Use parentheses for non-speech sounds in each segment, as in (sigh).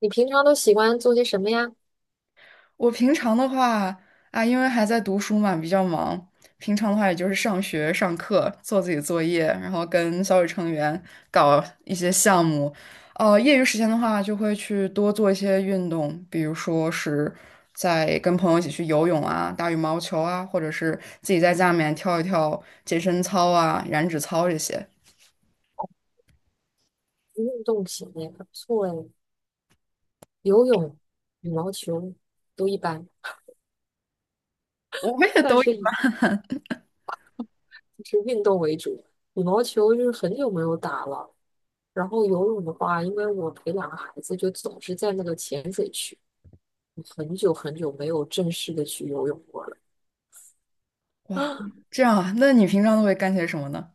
你平常都喜欢做些什么呀？我平常的话啊，因为还在读书嘛，比较忙。平常的话，也就是上学、上课、做自己作业，然后跟小组成员搞一些项目。业余时间的话，就会去多做一些运动，比如说是在跟朋友一起去游泳啊、打羽毛球啊，或者是自己在家里面跳一跳健身操啊、燃脂操这些。运动型的也不错哎，游泳、羽毛球都一般，我们也都但有。是就是运动为主。羽毛球就是很久没有打了，然后游泳的话，因为我陪两个孩子，就总是在那个浅水区，我很久很久没有正式的去游泳过了。(gasps) 啊这样啊。那你平常都会干些什么呢？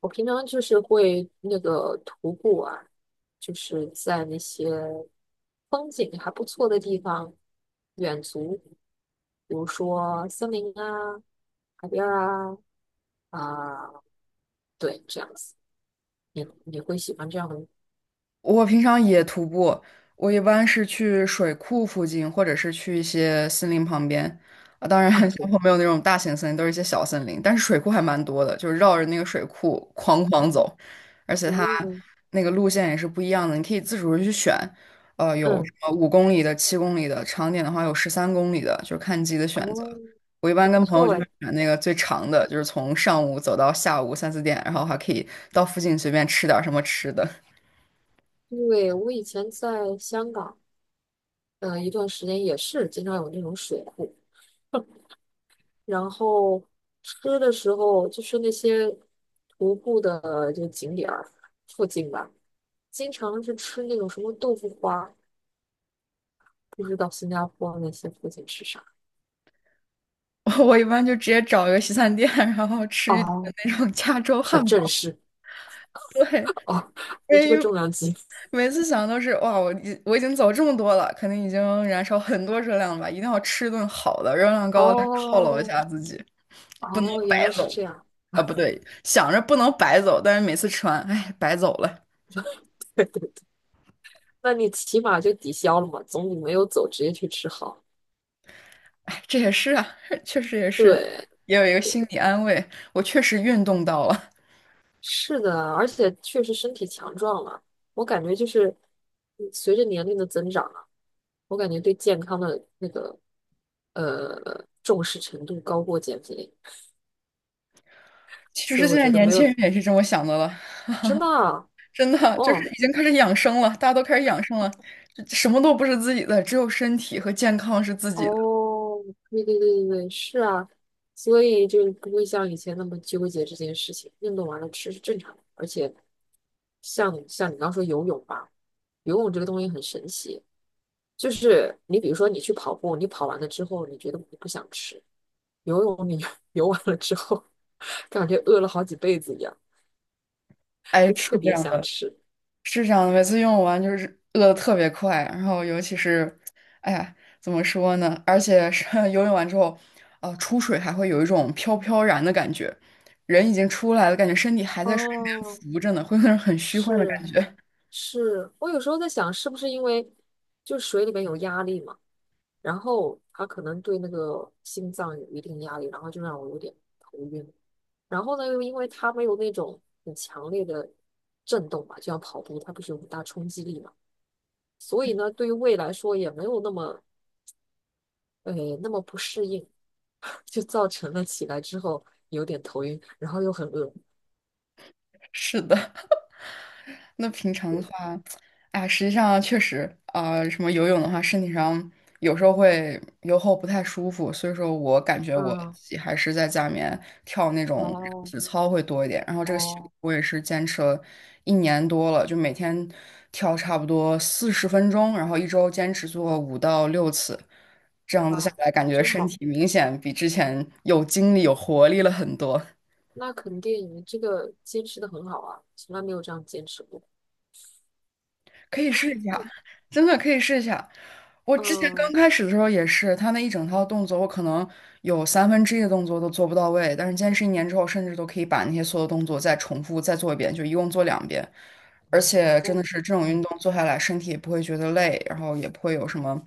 我平常就是会那个徒步啊，就是在那些风景还不错的地方远足。比如说森林啊、海边儿啊，啊、对，这样子，你会喜欢这样的我平常也徒步，我一般是去水库附近，或者是去一些森林旁边。啊，当然，啊？(laughs) 小对，坡没有那种大型森林，都是一些小森林。但是水库还蛮多的，就是绕着那个水库哐哐走，而且它嗯那个路线也是不一样的，你可以自主地去选。有什嗯，么5公里的、7公里的，长点的话有13公里的，就是看你自己的选择。哦，我一还般不跟朋友错就哎。会选那个最长的，就是从上午走到下午三四点，然后还可以到附近随便吃点儿什么吃的。对，我以前在香港，一段时间也是经常有那种水库，然后吃的时候就是那些徒步的这个景点儿附近吧，经常是吃那种什么豆腐花，不知道新加坡那些附近吃啥。(laughs) 我一般就直接找一个西餐店，(laughs) 然后吃一顿哦，那种加州汉很正堡，式。哦，你因这个为重量级。每次想都是哇，我已经走这么多了，肯定已经燃烧很多热量了吧，一定要吃一顿好的，热量 (laughs) 高的犒劳一哦下自己，不能哦，原白来是走。这样。啊，不对，想着不能白走，但是每次吃完，哎，白走了，(laughs) 对对对，那你起码就抵消了嘛，总比没有走直接去吃好。哎，这也是啊，(laughs) 确实也是，对，也有一个心理安慰，我确实运动到了。是的，而且确实身体强壮了。我感觉就是随着年龄的增长啊，我感觉对健康的那个重视程度高过减肥，其所实以现我在觉得年没轻有人也是这么想的了。真的啊真的就是哦，已经开始养生了，大家都开始养生了，就什么都不是自己的，只有身体和健康是自己的。哦，对对对对对，是啊，所以就不会像以前那么纠结这件事情。运动完了吃是正常的，而且像你刚说游泳吧，游泳这个东西很神奇，就是你比如说你去跑步，你跑完了之后，你觉得你不想吃，游泳你 (laughs) 游完了之后，(laughs) 感觉饿了好几辈子一样，哎，就是特这别样想的，吃。是这样的，每次用完就是饿的特别快，然后尤其是，哎呀，怎么说呢？而且是 (laughs) 游泳完之后，出水还会有一种飘飘然的感觉，人已经出来了，感觉身体还在水里哦，面浮着呢，会有那种很虚幻的是感觉。是，我有时候在想，是不是因为就水里面有压力嘛？然后他可能对那个心脏有一定压力，然后就让我有点头晕。然后呢，又因为它没有那种很强烈的震动嘛，就像跑步，它不是有很大冲击力嘛，所以呢，对于胃来说也没有那么呃那么不适应，(laughs) 就造成了起来之后有点头晕，然后又很饿。(laughs) 是的。那平常的对，话，哎呀，实际上确实，什么游泳的话，身体上有时候会游后不太舒服，所以说我感觉我嗯，自己还是在家里面跳那种哦体操会多一点。然后这个习惯哦，我也是坚持了一年多了，就每天跳差不多40分钟，然后一周坚持做5到6次，这样子下哇，来，感觉真身好，体明显比之前有精力、有活力了很多。那肯定你这个坚持的很好啊，从来没有这样坚持过。可以试一下，真的可以试一下。我之前刚嗯，开始的时候也是，他那一整套动作，我可能有1/3的动作都做不到位，但是坚持一年之后，甚至都可以把那些所有动作再重复再做一遍，就一共做两遍。而且真的是这种运嗯，动做下来，身体也不会觉得累，然后也不会有什么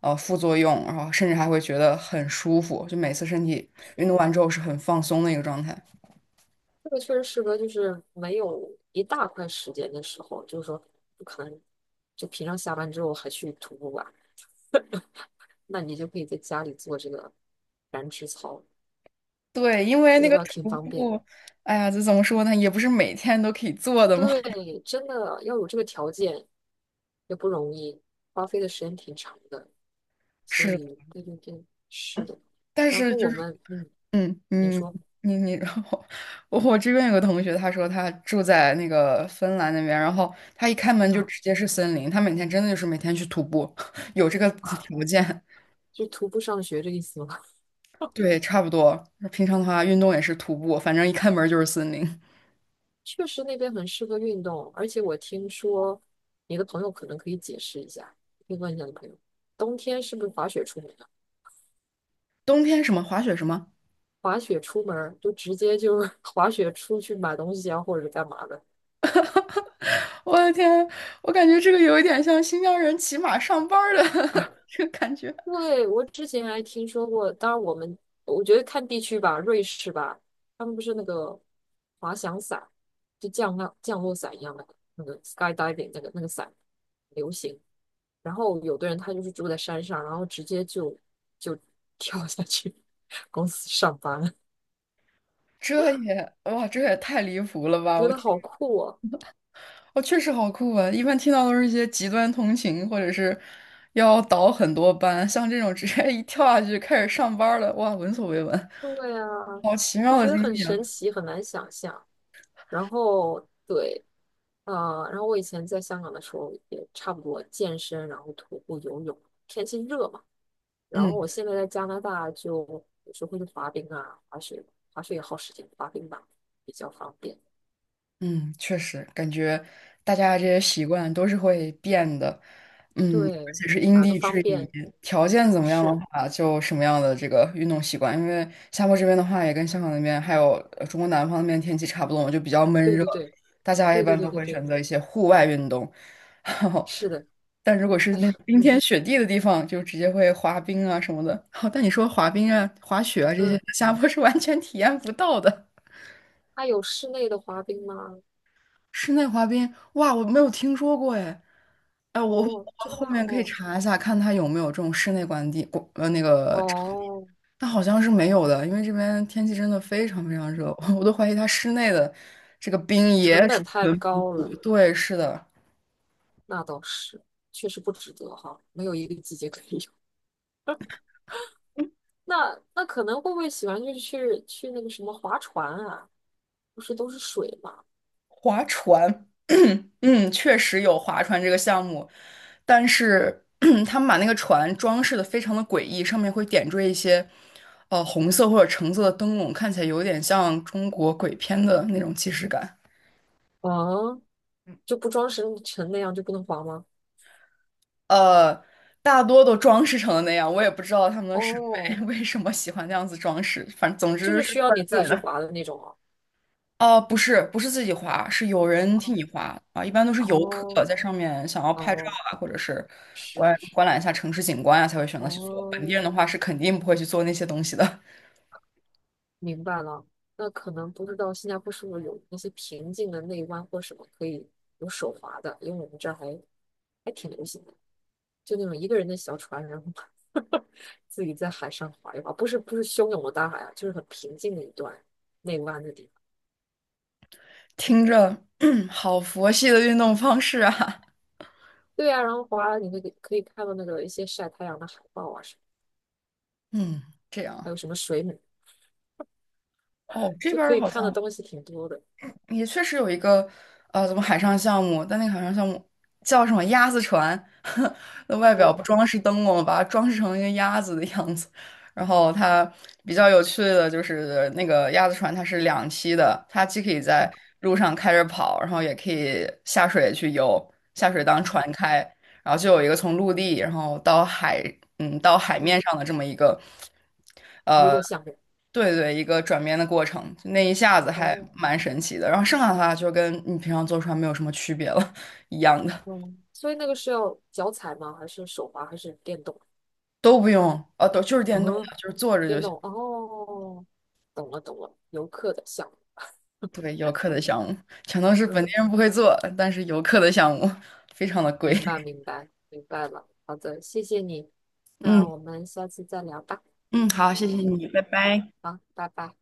副作用，然后甚至还会觉得很舒服，就每次身体运动完之后是很放松的一个状态。这个确实适合，就是没有一大块时间的时候，就是说不可能就平常下班之后还去徒步吧，那你就可以在家里做这个燃脂操，对，因为这那个个倒挺徒方便。步，哎呀，这怎么说呢，也不是每天都可以做的嘛。对，(laughs) 真的要有这个条件也不容易，花费的时间挺长的，所是以对对对，是的。但然是后就我是，们，嗯，嗯你嗯，说你，然后我这边有个同学，他说他住在那个芬兰那边，然后他一开门就啊直接是森林，他每天真的就是每天去徒步，(laughs) 有这个 啊，(laughs) (laughs) 条件，就徒步上学这意思吗？对，差不多。平常的话运动也是徒步，反正一开门就是森林。确实那边很适合运动，而且我听说你的朋友可能可以解释一下，可以问一下你朋友，冬天是不是滑雪出门啊？冬天什么滑雪什么，滑雪出门儿就直接就是 (laughs) 滑雪出去买东西啊，或者是干嘛的？我的天，我感觉这个有一点像新疆人骑马上班儿的 (laughs) 这个感觉，对，我之前还听说过，当然我们我觉得看地区吧，瑞士吧，他们不是那个滑翔伞，就降落伞一样的那个 skydiving 那个伞流行，然后有的人他就是住在山上，然后直接就 (laughs) 跳下去 (laughs) 公司上班，这也哇，这也太离谱了吧！觉我。得好酷哦。哦，确实好酷啊！一般听到都是一些极端通勤，或者是要倒很多班，像这种直接一跳下去就开始上班儿了，哇，闻所未闻，对啊，好奇就妙的觉得经很历啊！神奇，很难想象。然后对，然后我以前在香港的时候也差不多健身，然后徒步、游泳，天气热嘛。然后嗯我现在在加拿大就有时候会去滑冰啊，滑雪，滑雪也耗时间，滑冰吧比较方便。嗯，确实感觉大家这些习惯都是会变的，嗯，而对，且是因哪个地方制宜，便？条件怎么样的是，话，就什么样的这个运动习惯。因为夏末这边的话，也跟香港那边还有中国南方那边天气差不多嘛，就比较闷对热，对对。大家一对对般对都对会对，选择一些户外运动。(laughs) 然后。是的，但如果是哎呀，那种冰嗯天雪地的地方，就直接会滑冰啊什么的。(laughs) 好，但你说滑冰啊、滑雪啊这些，嗯，下坡是完全体验不到的。它有室内的滑冰吗？室内滑冰，哇，我没有听说过哎。哎，我哦，真我的后吗？面可以哦查一下，看它有没有这种室内管地，管那个场地，哦，但好像是没有的，因为这边天气真的非常非常热，(laughs) 我都怀疑它室内的这个冰也成储本太存不高住。了，对，是的。那倒是，确实不值得哈，没有一个季节可以有。那可能会不会喜欢就是去那个什么划船啊？不是都是水嘛？划船，(clears throat) 嗯，确实有划船这个项目，但是 (clears throat) 他们把那个船装饰的非常的诡异，上面会点缀一些红色或者橙色的灯笼，看起来有点像中国鬼片的那种既视感。啊，就不装绳成那样就不能划吗？呃，大多都装饰成了那样，我也不知道他们的审美 哦，(laughs) 为什么喜欢那样子装饰，反正总就之是是需要怪你自己怪去的。划的那种哦。哦，不是，不是自己划，是有人替你划啊。一般都是游客哦在上面想要拍照哦，啊，或者是是观是是，观览一下城市景观啊，才会选择去做。本地人的哦。话是肯定不会去做那些东西的。明白了，那可能不知道新加坡是不是有那些平静的内湾或什么可以有手划的，因为我们这儿还挺流行的，就那种一个人的小船，然后 (laughs) 自己在海上划一划，不是汹涌的大海啊，就是很平静的一段内湾的地方。听着，(clears throat) 好佛系的运动方式啊。对啊，然后划你那个可以看到那个一些晒太阳的海豹啊什么，嗯，这还样。有什么水母，哦，这就边可儿以好看的像东西挺多的。也确实有一个怎么海上项目？但那个海上项目叫什么鸭子船？(laughs) 那外表哦，不装饰灯笼，把它装饰成一个鸭子的样子。然后它比较有趣的就是那个鸭子船，它是两栖的，它既可以在嗯，路上开着跑，然后也可以下水去游，下水当船嗯开。然后就有一个从陆地，然后到海，嗯，到海面嗯上的这么一个，娱呃，乐项目。对对，一个转变的过程，就那一下子还哦，蛮神奇的。然后剩下的话就跟你平常坐船没有什么区别了，一样的，嗯，所以那个是要脚踩吗？还是手滑？还是电动？都不用，都就是电动嗯，的，就是坐着电就行。动。哦，懂了懂了，游客的项目。对，游客的项目全都是本地嗯，人不会做，但是游客的项目非常的贵。明白 (laughs) 明白明白了。好的，谢谢你。那嗯我们下次再聊吧。嗯，好，谢谢你，拜拜。好，拜拜。